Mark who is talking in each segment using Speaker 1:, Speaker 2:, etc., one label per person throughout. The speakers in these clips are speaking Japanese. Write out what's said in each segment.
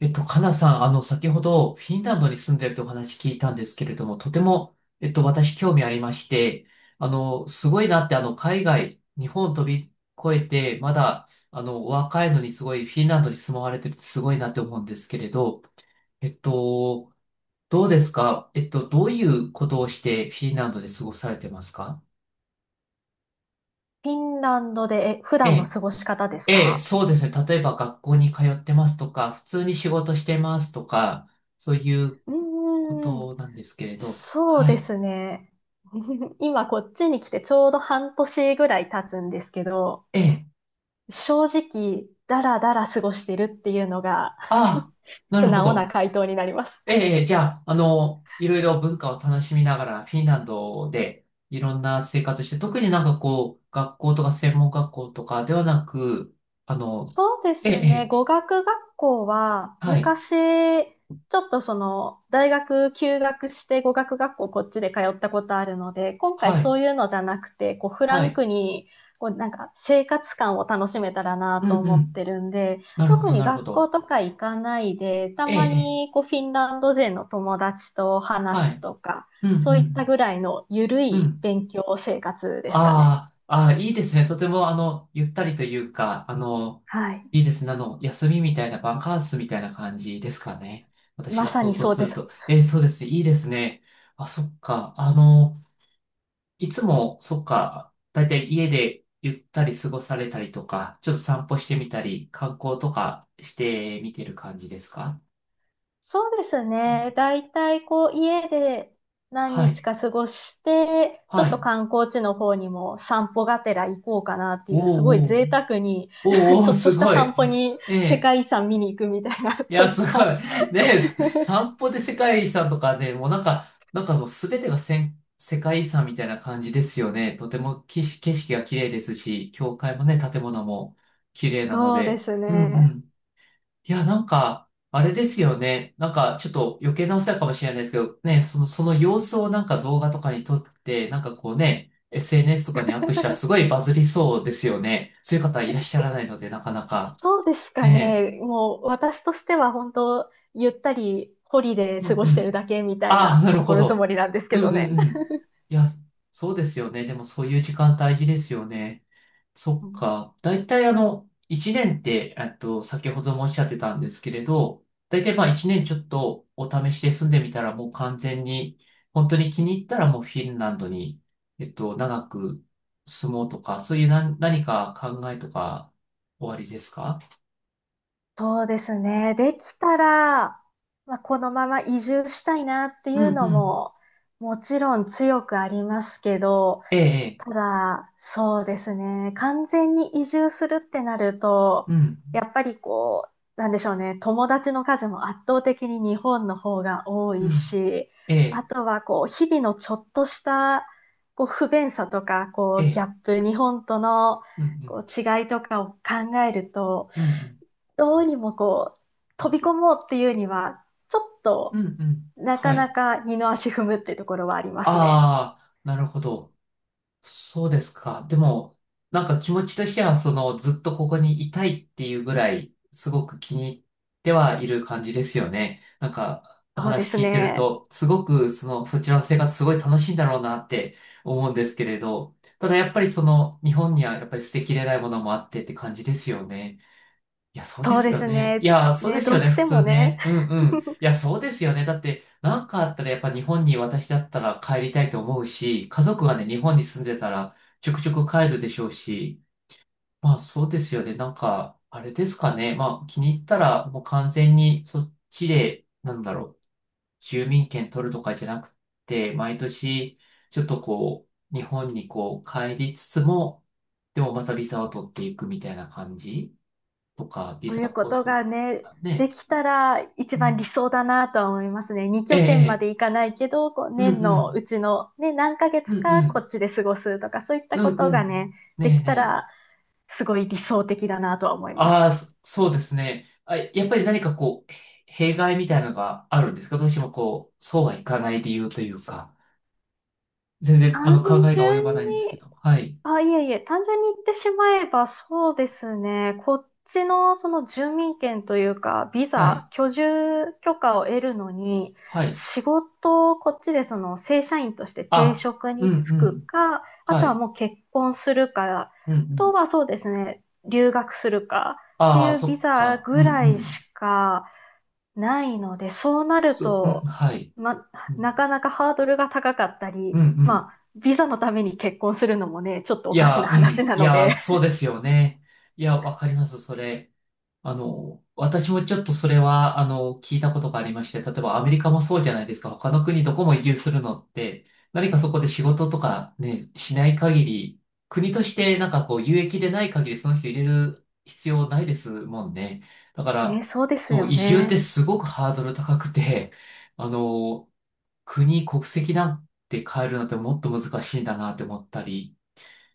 Speaker 1: かなさん、先ほどフィンランドに住んでるとお話聞いたんですけれども、とても、私興味ありまして、すごいなって、海外、日本飛び越えて、まだ、お若いのにすごいフィンランドに住まわれてるってすごいなって思うんですけれど、えっと、どうですか？どういうことをしてフィンランドで過ごされてますか
Speaker 2: フィンランドで、普
Speaker 1: え
Speaker 2: 段の
Speaker 1: え、
Speaker 2: 過ごし方です
Speaker 1: ええ、
Speaker 2: か？
Speaker 1: そうですね。例えば学校に通ってますとか、普通に仕事してますとか、そういう
Speaker 2: う
Speaker 1: こ
Speaker 2: ーん、
Speaker 1: となんですけれど、
Speaker 2: そう
Speaker 1: は
Speaker 2: で
Speaker 1: い。
Speaker 2: すね。今こっちに来てちょうど半年ぐらい経つんですけど、
Speaker 1: ええ、
Speaker 2: 正直、だらだら過ごしてるっていうのが
Speaker 1: ああ、な
Speaker 2: 素
Speaker 1: るほ
Speaker 2: 直な
Speaker 1: ど。
Speaker 2: 回答になります。
Speaker 1: ええ、ええ、じゃあ、いろいろ文化を楽しみながら、フィンランドでいろんな生活して、特になんかこう、学校とか専門学校とかではなく、あの、
Speaker 2: そうで
Speaker 1: ええ、
Speaker 2: すね。
Speaker 1: え
Speaker 2: 語
Speaker 1: え
Speaker 2: 学学校は、
Speaker 1: はい、
Speaker 2: 昔、ちょっとその、大学休学して語学学校こっちで通ったことあるので、今回
Speaker 1: はい、
Speaker 2: そういうのじゃなくて、こう、フラ
Speaker 1: は
Speaker 2: ン
Speaker 1: い、
Speaker 2: クに、こう、なんか、生活感を楽しめたらな
Speaker 1: うん、
Speaker 2: と
Speaker 1: う
Speaker 2: 思って
Speaker 1: ん、
Speaker 2: るんで、
Speaker 1: なるほ
Speaker 2: 特
Speaker 1: ど、
Speaker 2: に
Speaker 1: なるほ
Speaker 2: 学校
Speaker 1: ど。
Speaker 2: とか行かないで、た
Speaker 1: え
Speaker 2: ま
Speaker 1: え、ええ
Speaker 2: に、こう、フィンランド人の友達と
Speaker 1: は
Speaker 2: 話す
Speaker 1: い、
Speaker 2: とか、
Speaker 1: うん、う
Speaker 2: そういった
Speaker 1: ん、
Speaker 2: ぐらいの緩
Speaker 1: う
Speaker 2: い
Speaker 1: ん。
Speaker 2: 勉強生活ですかね。
Speaker 1: ああ、ああ、いいですね。とても、ゆったりというか、
Speaker 2: はい。
Speaker 1: いいですね。休みみたいな、バカンスみたいな感じですかね。私
Speaker 2: ま
Speaker 1: が
Speaker 2: さ
Speaker 1: 想
Speaker 2: に
Speaker 1: 像
Speaker 2: そう
Speaker 1: す
Speaker 2: で
Speaker 1: る
Speaker 2: す。
Speaker 1: と。そうですね。いいですね。あ、そっか。いつも、そっか。だいたい家でゆったり過ごされたりとか、ちょっと散歩してみたり、観光とかしてみてる感じですか
Speaker 2: そうですね。だいたいこう家で何
Speaker 1: は
Speaker 2: 日
Speaker 1: い。
Speaker 2: か過ごして、ちょ
Speaker 1: は
Speaker 2: っと
Speaker 1: い。
Speaker 2: 観光地の方にも散歩がてら行こうかなっていう、すごい
Speaker 1: おーおー、
Speaker 2: 贅沢に
Speaker 1: おー
Speaker 2: ち
Speaker 1: お
Speaker 2: ょ
Speaker 1: ー、
Speaker 2: っと
Speaker 1: す
Speaker 2: した
Speaker 1: ごい。
Speaker 2: 散歩に
Speaker 1: え
Speaker 2: 世
Speaker 1: え
Speaker 2: 界遺産見に行くみたいな、
Speaker 1: い
Speaker 2: そ
Speaker 1: や、
Speaker 2: ういっ
Speaker 1: すご
Speaker 2: た。
Speaker 1: い。ね、散歩で世界遺産とかね、もうなんか、なんかもうすべてが世界遺産みたいな感じですよね。とても景色が綺麗ですし、教会もね、建物も綺麗なの
Speaker 2: そうで
Speaker 1: で。
Speaker 2: す
Speaker 1: うんう
Speaker 2: ね。
Speaker 1: ん。いや、なんか、あれですよね。なんか、ちょっと余計なお世話かもしれないですけど、ね、その様子をなんか動画とかに撮って、なんかこうね、SNS とかにアップしたらすごいバズりそうですよね。そういう方いらっしゃらないので、なかなか。
Speaker 2: そうですか
Speaker 1: ね。
Speaker 2: ね。もう私としては本当、ゆったりホリで
Speaker 1: う
Speaker 2: 過
Speaker 1: ん
Speaker 2: ご
Speaker 1: う
Speaker 2: してる
Speaker 1: ん。
Speaker 2: だけみたい
Speaker 1: ああ、
Speaker 2: な
Speaker 1: なるほ
Speaker 2: 心づも
Speaker 1: ど。
Speaker 2: りなんです
Speaker 1: う
Speaker 2: け
Speaker 1: ん
Speaker 2: ど
Speaker 1: う
Speaker 2: ね。
Speaker 1: んうん。いや、そうですよね。でもそういう時間大事ですよね。そ
Speaker 2: う
Speaker 1: っ
Speaker 2: ん。
Speaker 1: か。大体一年って、先ほどもおっしゃってたんですけれど、大体まあ一年ちょっとお試しで住んでみたらもう完全に、本当に気に入ったらもうフィンランドに、長く住もうとか、そういう何か考えとか、おありですか
Speaker 2: そうですね。できたら、まあ、このまま移住したいなって
Speaker 1: う
Speaker 2: い
Speaker 1: ん
Speaker 2: うの
Speaker 1: うん。
Speaker 2: も、もちろん強くありますけど、
Speaker 1: ええ、ええ
Speaker 2: ただ、そうですね。完全に移住するってなると、
Speaker 1: うん、
Speaker 2: やっぱりこう、なんでしょうね。友達の数も圧倒的に日本の方が多
Speaker 1: う
Speaker 2: い
Speaker 1: ん、
Speaker 2: し、
Speaker 1: え
Speaker 2: あ
Speaker 1: え、
Speaker 2: とはこう、日々のちょっとした、こう、不便さとか、
Speaker 1: え
Speaker 2: こう、ギャ
Speaker 1: え、
Speaker 2: ップ、日本との、
Speaker 1: うん
Speaker 2: こう、違いとかを考えると、
Speaker 1: うん、うんうん。
Speaker 2: どうにもこう、飛び込もうっていうには、ちょっ
Speaker 1: う
Speaker 2: と、
Speaker 1: んうん。
Speaker 2: なか
Speaker 1: は
Speaker 2: な
Speaker 1: い。
Speaker 2: か二の足踏むっていうところはありますね。
Speaker 1: ああ、なるほど。そうですか。でも、なんか気持ちとしては、その、ずっとここにいたいっていうぐらい、すごく気に入ってはいる感じですよね。なんか、お
Speaker 2: そうで
Speaker 1: 話
Speaker 2: す
Speaker 1: 聞いてる
Speaker 2: ね。
Speaker 1: と、すごく、その、そちらの生活すごい楽しいんだろうなって思うんですけれど、ただやっぱりその、日本にはやっぱり捨てきれないものもあってって感じですよね。いや、そうで
Speaker 2: そう
Speaker 1: す
Speaker 2: で
Speaker 1: よ
Speaker 2: す
Speaker 1: ね。い
Speaker 2: ね。
Speaker 1: や、そうで
Speaker 2: ね、
Speaker 1: す
Speaker 2: ど
Speaker 1: よ
Speaker 2: う
Speaker 1: ね、
Speaker 2: し
Speaker 1: 普
Speaker 2: ても
Speaker 1: 通
Speaker 2: ね、
Speaker 1: ね。うんうん。いや、そうですよね。だって、なんかあったらやっぱ日本に私だったら帰りたいと思うし、家族がね、日本に住んでたらちょくちょく帰るでしょうし、まあそうですよね。なんか、あれですかね。まあ気に入ったらもう完全にそっちで、なんだろう、住民権取るとかじゃなくて、毎年、ちょっとこう、日本にこう帰りつつも、でもまたビザを取っていくみたいな感じとか、ビ
Speaker 2: そう
Speaker 1: ザ
Speaker 2: いうこ
Speaker 1: 更
Speaker 2: と
Speaker 1: 新
Speaker 2: が
Speaker 1: と
Speaker 2: ね、
Speaker 1: かね。
Speaker 2: できたら一
Speaker 1: う
Speaker 2: 番理
Speaker 1: ん
Speaker 2: 想だなとは思いますね。2
Speaker 1: え
Speaker 2: 拠点ま
Speaker 1: え、え
Speaker 2: で
Speaker 1: え
Speaker 2: 行かないけど、こう
Speaker 1: うんう
Speaker 2: 年の
Speaker 1: ん、
Speaker 2: うちの、ね、何ヶ
Speaker 1: う
Speaker 2: 月
Speaker 1: んう
Speaker 2: かこ
Speaker 1: ん、
Speaker 2: っちで過ごすとか、そういった
Speaker 1: う
Speaker 2: こ
Speaker 1: ん
Speaker 2: と
Speaker 1: う
Speaker 2: がね、
Speaker 1: ん。ね
Speaker 2: でき
Speaker 1: え
Speaker 2: た
Speaker 1: ねえ。
Speaker 2: らすごい理想的だなとは思いま
Speaker 1: あ
Speaker 2: す。
Speaker 1: あ、そうですね。あ、やっぱり何かこう、弊害みたいなのがあるんですか？どうしてもこう、そうはいかない理由というか、全然あ
Speaker 2: 単
Speaker 1: の考えが及
Speaker 2: 純
Speaker 1: ばないんですけ
Speaker 2: に
Speaker 1: ど。はい、
Speaker 2: あ、いえいえ、単純に言ってしまえばそうですね。こっちのその住民権というか、ビ
Speaker 1: は
Speaker 2: ザ、
Speaker 1: い、
Speaker 2: 居住許可を得るのに、
Speaker 1: はい。
Speaker 2: 仕事をこっちでその正社員として定
Speaker 1: あ、
Speaker 2: 職
Speaker 1: うん
Speaker 2: に
Speaker 1: う
Speaker 2: 就く
Speaker 1: ん、
Speaker 2: か、あ
Speaker 1: は
Speaker 2: とは
Speaker 1: い、
Speaker 2: もう結婚するか、あ
Speaker 1: うんうん。
Speaker 2: とはそうですね、留学するかって
Speaker 1: ああ、
Speaker 2: いう
Speaker 1: そ
Speaker 2: ビ
Speaker 1: っ
Speaker 2: ザ
Speaker 1: か、うん
Speaker 2: ぐら
Speaker 1: う
Speaker 2: い
Speaker 1: ん。
Speaker 2: しか、ないので、そうなる
Speaker 1: そう、うん、
Speaker 2: と、
Speaker 1: はい。
Speaker 2: ま、
Speaker 1: うん、
Speaker 2: なかなかハードルが高かった
Speaker 1: うん、
Speaker 2: り、
Speaker 1: う
Speaker 2: ま
Speaker 1: ん。
Speaker 2: あ、ビザのために結婚するのもね、ちょっと
Speaker 1: い
Speaker 2: おかし
Speaker 1: や、
Speaker 2: な
Speaker 1: う
Speaker 2: 話
Speaker 1: ん。
Speaker 2: な
Speaker 1: い
Speaker 2: ので。
Speaker 1: や、そう ですよね。いや、わかります、それ。私もちょっとそれは、聞いたことがありまして、例えばアメリカもそうじゃないですか。他の国どこも移住するのって、何かそこで仕事とかね、しない限り、国としてなんかこう、有益でない限りその人入れる必要ないですもんね。だか
Speaker 2: ね、
Speaker 1: ら、
Speaker 2: そうです
Speaker 1: そう、
Speaker 2: よ
Speaker 1: 移住って
Speaker 2: ね。
Speaker 1: すごくハードル高くて、あの、国籍なんて変えるのってもっと難しいんだなって思ったり、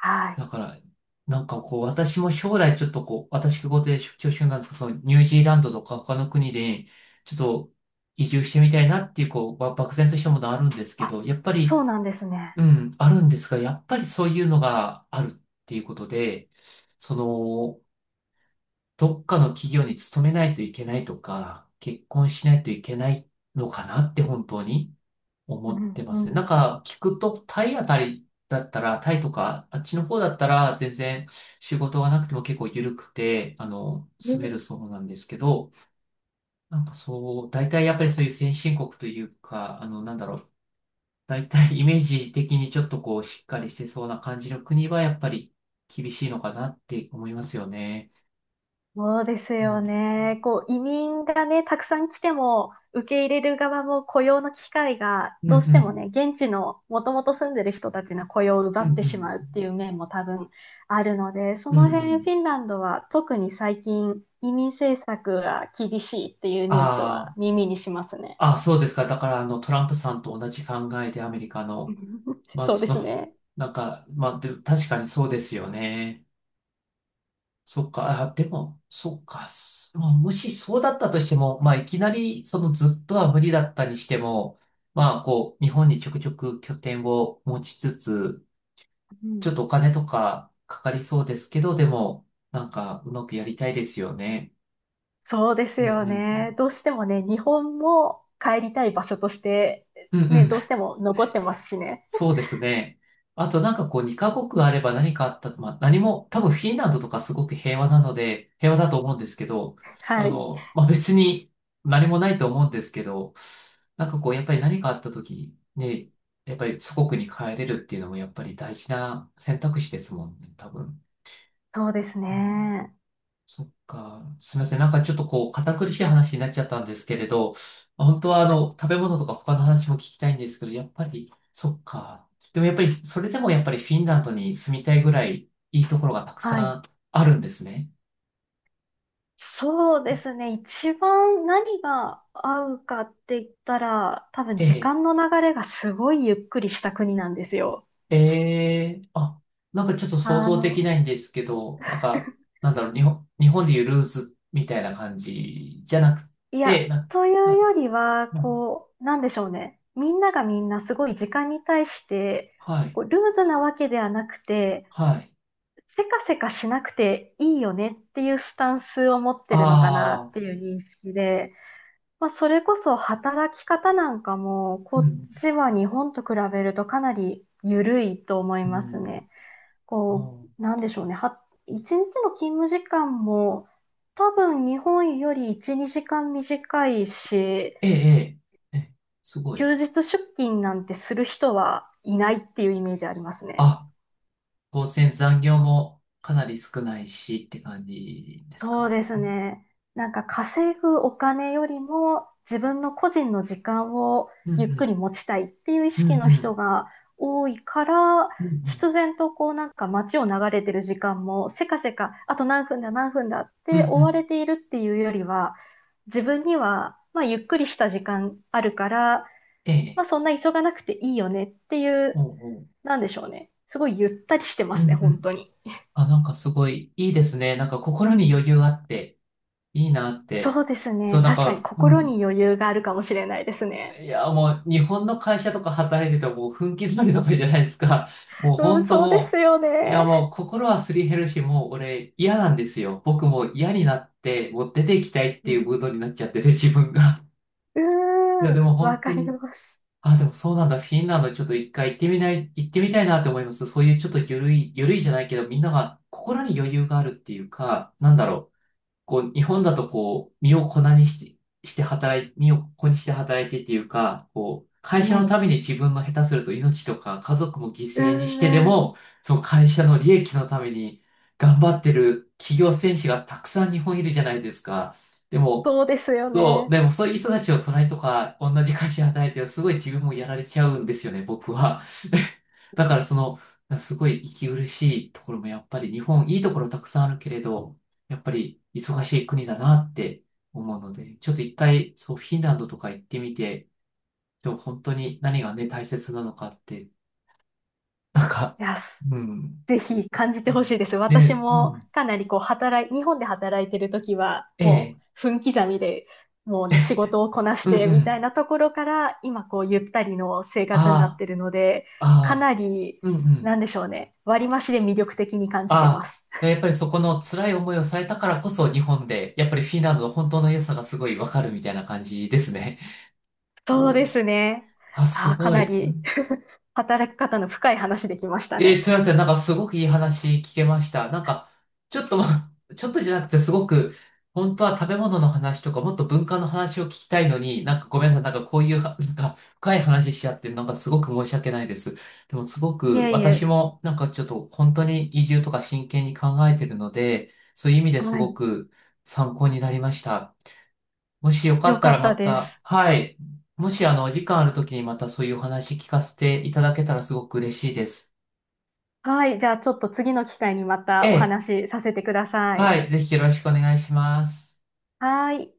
Speaker 2: は
Speaker 1: だ
Speaker 2: い。
Speaker 1: から、なんかこう、私も将来ちょっとこう、私事で出張中なんですけど、そのニュージーランドとか他の国で、ちょっと移住してみたいなっていう、こう、漠然としたものあるんですけ
Speaker 2: あ、
Speaker 1: ど、やっぱ
Speaker 2: そう
Speaker 1: り、
Speaker 2: なんですね。
Speaker 1: うん、あるんですが、やっぱりそういうのがあるっていうことで、その、どっかの企業に勤めないといけないとか、結婚しないといけないのかなって本当に。
Speaker 2: う
Speaker 1: 思っ
Speaker 2: ん
Speaker 1: てま
Speaker 2: う
Speaker 1: すね。な
Speaker 2: ん。
Speaker 1: んか聞くと、タイあたりだったら、タイとか、あっちの方だったら、全然仕事がなくても結構緩くて、住めるそうなんですけど、なんかそう、大体やっぱりそういう先進国というか、なんだろう、大体イメージ的にちょっとこう、しっかりしてそうな感じの国は、やっぱり厳しいのかなって思いますよね。
Speaker 2: そうです
Speaker 1: う
Speaker 2: よ
Speaker 1: ん、
Speaker 2: ね。こう、移民がね、たくさん来ても、受け入れる側も雇用の機会が、
Speaker 1: うん、う
Speaker 2: どうしても
Speaker 1: ん、
Speaker 2: ね、現地のもともと住んでる人たちの雇用を奪
Speaker 1: うん、う
Speaker 2: ってし
Speaker 1: ん、
Speaker 2: まうっていう面も多分あるので、そ
Speaker 1: うん。う
Speaker 2: の辺フィ
Speaker 1: ん
Speaker 2: ンランドは特に最近移民政策が厳しいっていう
Speaker 1: あ
Speaker 2: ニュースは
Speaker 1: ー
Speaker 2: 耳にしますね。
Speaker 1: あ、そうですか。だから、トランプさんと同じ考えで、アメリカの。まあ、
Speaker 2: そうで
Speaker 1: そ
Speaker 2: す
Speaker 1: の、
Speaker 2: ね。
Speaker 1: なんか、まあ、でも確かにそうですよね。そっか、あ、でも、そっか、まあ、もしそうだったとしても、まあ、いきなり、そのずっとは無理だったにしても、まあ、こう、日本にちょくちょく拠点を持ちつつ、
Speaker 2: う
Speaker 1: ち
Speaker 2: ん。
Speaker 1: ょっとお金とかかかりそうですけど、でも、なんか、うまくやりたいですよね。
Speaker 2: そうです
Speaker 1: うんう
Speaker 2: よ
Speaker 1: ん。
Speaker 2: ね。どうしてもね、日本も帰りたい場所として、
Speaker 1: うんう
Speaker 2: ね、
Speaker 1: ん
Speaker 2: どうしても残ってますしね。
Speaker 1: そうですね。あとなんかこう2カ国あれば何かあったと、まあ何も、多分フィンランドとかすごく平和なので、平和だと思うんですけど、
Speaker 2: はい。
Speaker 1: まあ別に何もないと思うんですけど、なんかこうやっぱり何かあった時にね、やっぱり祖国に帰れるっていうのもやっぱり大事な選択肢ですもんね、多分。
Speaker 2: そうです
Speaker 1: うん
Speaker 2: ね。
Speaker 1: そっか。すみません。なんかちょっとこう、堅苦しい話になっちゃったんですけれど、本当はあの、食べ物とか他の話も聞きたいんですけど、やっぱり、そっか。でもやっぱり、それでもやっぱりフィンランドに住みたいぐらいいいところがたく
Speaker 2: はい。
Speaker 1: さんあるんですね。
Speaker 2: そうですね。一番何が合うかって言ったら、多分
Speaker 1: え
Speaker 2: 時
Speaker 1: え、
Speaker 2: 間の流れがすごいゆっくりした国なんですよ。
Speaker 1: ええ、あ、なんかちょっと想
Speaker 2: あ
Speaker 1: 像でき
Speaker 2: の、
Speaker 1: ないんですけど、なんか、なんだろう、日本でいうルーズみたいな感じじゃなく
Speaker 2: いや、
Speaker 1: て、な、
Speaker 2: という
Speaker 1: な、
Speaker 2: よりは、
Speaker 1: な
Speaker 2: こう、なんでしょうね。みんながみんなすごい時間に対して、
Speaker 1: はい、
Speaker 2: こう、ルーズなわけではなくて、
Speaker 1: はい。
Speaker 2: せかせかしなくていいよねっていうスタンスを持ってるのかなっ
Speaker 1: ああ、
Speaker 2: ていう認識で、まあ、それこそ働き方なんかも、こ
Speaker 1: う
Speaker 2: っ
Speaker 1: ん、
Speaker 2: ちは日本と比べるとかなり緩いと思い
Speaker 1: う
Speaker 2: ます
Speaker 1: ん。
Speaker 2: ね。
Speaker 1: あ
Speaker 2: こ
Speaker 1: ー、
Speaker 2: う、なんでしょうね。一日の勤務時間も多分日本より1、2時間短いし、
Speaker 1: ええ、ええ、ええ、すごい。
Speaker 2: 休日出勤なんてする人はいないっていうイメージありますね。
Speaker 1: あ、当然残業もかなり少ないしって感じです
Speaker 2: そう
Speaker 1: か？
Speaker 2: ですね。なんか稼ぐお金よりも自分の個人の時間を
Speaker 1: うんう
Speaker 2: ゆっく
Speaker 1: ん、
Speaker 2: り持ちたいっていう意
Speaker 1: うんう
Speaker 2: 識の
Speaker 1: ん、
Speaker 2: 人が多いから、
Speaker 1: うんうん、
Speaker 2: 必然とこうなんか街を流れてる時間もせかせか、あと何分だ何分だっ
Speaker 1: うんう
Speaker 2: て追わ
Speaker 1: ん、
Speaker 2: れているっていうよりは、自分にはまあゆっくりした時間あるから、
Speaker 1: え
Speaker 2: まあ
Speaker 1: え、
Speaker 2: そんな急がなくていいよねっていう、
Speaker 1: おうおう、
Speaker 2: なんでしょうね。すごいゆったりしてま
Speaker 1: うん
Speaker 2: すね、
Speaker 1: う
Speaker 2: 本当
Speaker 1: ん。
Speaker 2: に。
Speaker 1: あ、なんかすごいいいですね。なんか心に余裕あっていいなって。
Speaker 2: そうです
Speaker 1: そう、
Speaker 2: ね。
Speaker 1: なん
Speaker 2: 確かに
Speaker 1: か、う
Speaker 2: 心
Speaker 1: ん、
Speaker 2: に余裕があるかもしれないですね。
Speaker 1: いや、もう日本の会社とか働いてたらもう分刻みとかじゃないですか。もう
Speaker 2: うん、
Speaker 1: 本当
Speaker 2: そうです
Speaker 1: も
Speaker 2: よ
Speaker 1: う、いや
Speaker 2: ね。
Speaker 1: もう心はすり減るし、もう俺嫌なんですよ。僕もう嫌になって、もう出ていきたいっ
Speaker 2: う
Speaker 1: ていう
Speaker 2: ん。
Speaker 1: ムードになっちゃってて、自分が。
Speaker 2: う
Speaker 1: いや、
Speaker 2: ー
Speaker 1: で
Speaker 2: ん、
Speaker 1: も
Speaker 2: わ
Speaker 1: 本当
Speaker 2: かり
Speaker 1: に、
Speaker 2: ます。
Speaker 1: あ、でもそうなんだ。フィンランドちょっと一回行ってみない、行ってみたいなって思います。そういうちょっと緩いじゃないけど、みんなが
Speaker 2: う
Speaker 1: 心に
Speaker 2: ん。
Speaker 1: 余裕があるっていうか、なんだろう。こう、日本だとこう、身を粉にして働いてっていうか、こう、会
Speaker 2: は
Speaker 1: 社のた
Speaker 2: い。
Speaker 1: めに自分の下手すると命とか家族も犠
Speaker 2: うー
Speaker 1: 牲にしてで
Speaker 2: ん、
Speaker 1: も、その会社の利益のために頑張ってる企業戦士がたくさん日本いるじゃないですか。でも、
Speaker 2: そうですよ
Speaker 1: そう、
Speaker 2: ね。
Speaker 1: でもそういう人たちを隣とか同じ会社で働いてるとすごい自分もやられちゃうんですよね、僕は。だからその、すごい息苦しいところもやっぱり日本いいところたくさんあるけれど、やっぱり忙しい国だなって思うので、ちょっと一回そうフィンランドとか行ってみて、本当に何がね大切なのかって、なんか、
Speaker 2: いや、す
Speaker 1: うん。
Speaker 2: ぜひ感じてほしいです。私
Speaker 1: ね、う
Speaker 2: も
Speaker 1: ん、
Speaker 2: かなりこう働い、日本で働いてるときは、
Speaker 1: え
Speaker 2: も
Speaker 1: え、
Speaker 2: う分刻みで、もうね、仕事をこなし
Speaker 1: うん
Speaker 2: て
Speaker 1: う
Speaker 2: みたい
Speaker 1: ん、
Speaker 2: なところから、今こうゆったりの生
Speaker 1: あ
Speaker 2: 活になってるので、
Speaker 1: あ、
Speaker 2: か
Speaker 1: あ
Speaker 2: な
Speaker 1: あ、
Speaker 2: り、
Speaker 1: うんう
Speaker 2: なん
Speaker 1: ん。
Speaker 2: でしょうね、割増で魅力的に感じてま
Speaker 1: あ
Speaker 2: す。
Speaker 1: あ、やっぱりそこの辛い思いをされたからこそ日本で、やっぱりフィンランドの本当の良さがすごいわかるみたいな感じですね。
Speaker 2: そう
Speaker 1: お
Speaker 2: で
Speaker 1: ー、
Speaker 2: すね。
Speaker 1: あ、す
Speaker 2: あー、か
Speaker 1: ご
Speaker 2: な
Speaker 1: い。
Speaker 2: り 働き方の深い話できました
Speaker 1: えー、
Speaker 2: ね。
Speaker 1: すいません。なんかすごくいい話聞けました。なんか、ちょっとま、ちょっとじゃなくてすごく、本当は食べ物の話とかもっと文化の話を聞きたいのに、なんかごめんなさい。なんかこういうは、なんか深い話しちゃって、なんかすごく申し訳ないです。でもすご
Speaker 2: い
Speaker 1: く
Speaker 2: えい
Speaker 1: 私
Speaker 2: え、
Speaker 1: もなんかちょっと本当に移住とか真剣に考えてるので、そういう意味です
Speaker 2: は
Speaker 1: ご
Speaker 2: い。
Speaker 1: く参考になりました。もしよか
Speaker 2: よ
Speaker 1: った
Speaker 2: か
Speaker 1: ら
Speaker 2: っ
Speaker 1: ま
Speaker 2: たで
Speaker 1: た、
Speaker 2: す。
Speaker 1: はい。もしあの、お時間ある時にまたそういうお話聞かせていただけたらすごく嬉しいです。
Speaker 2: はい。じゃあちょっと次の機会にま
Speaker 1: え
Speaker 2: たお
Speaker 1: え。
Speaker 2: 話しさせてくださ
Speaker 1: は
Speaker 2: い。
Speaker 1: い、ぜひよろしくお願いします。
Speaker 2: はい。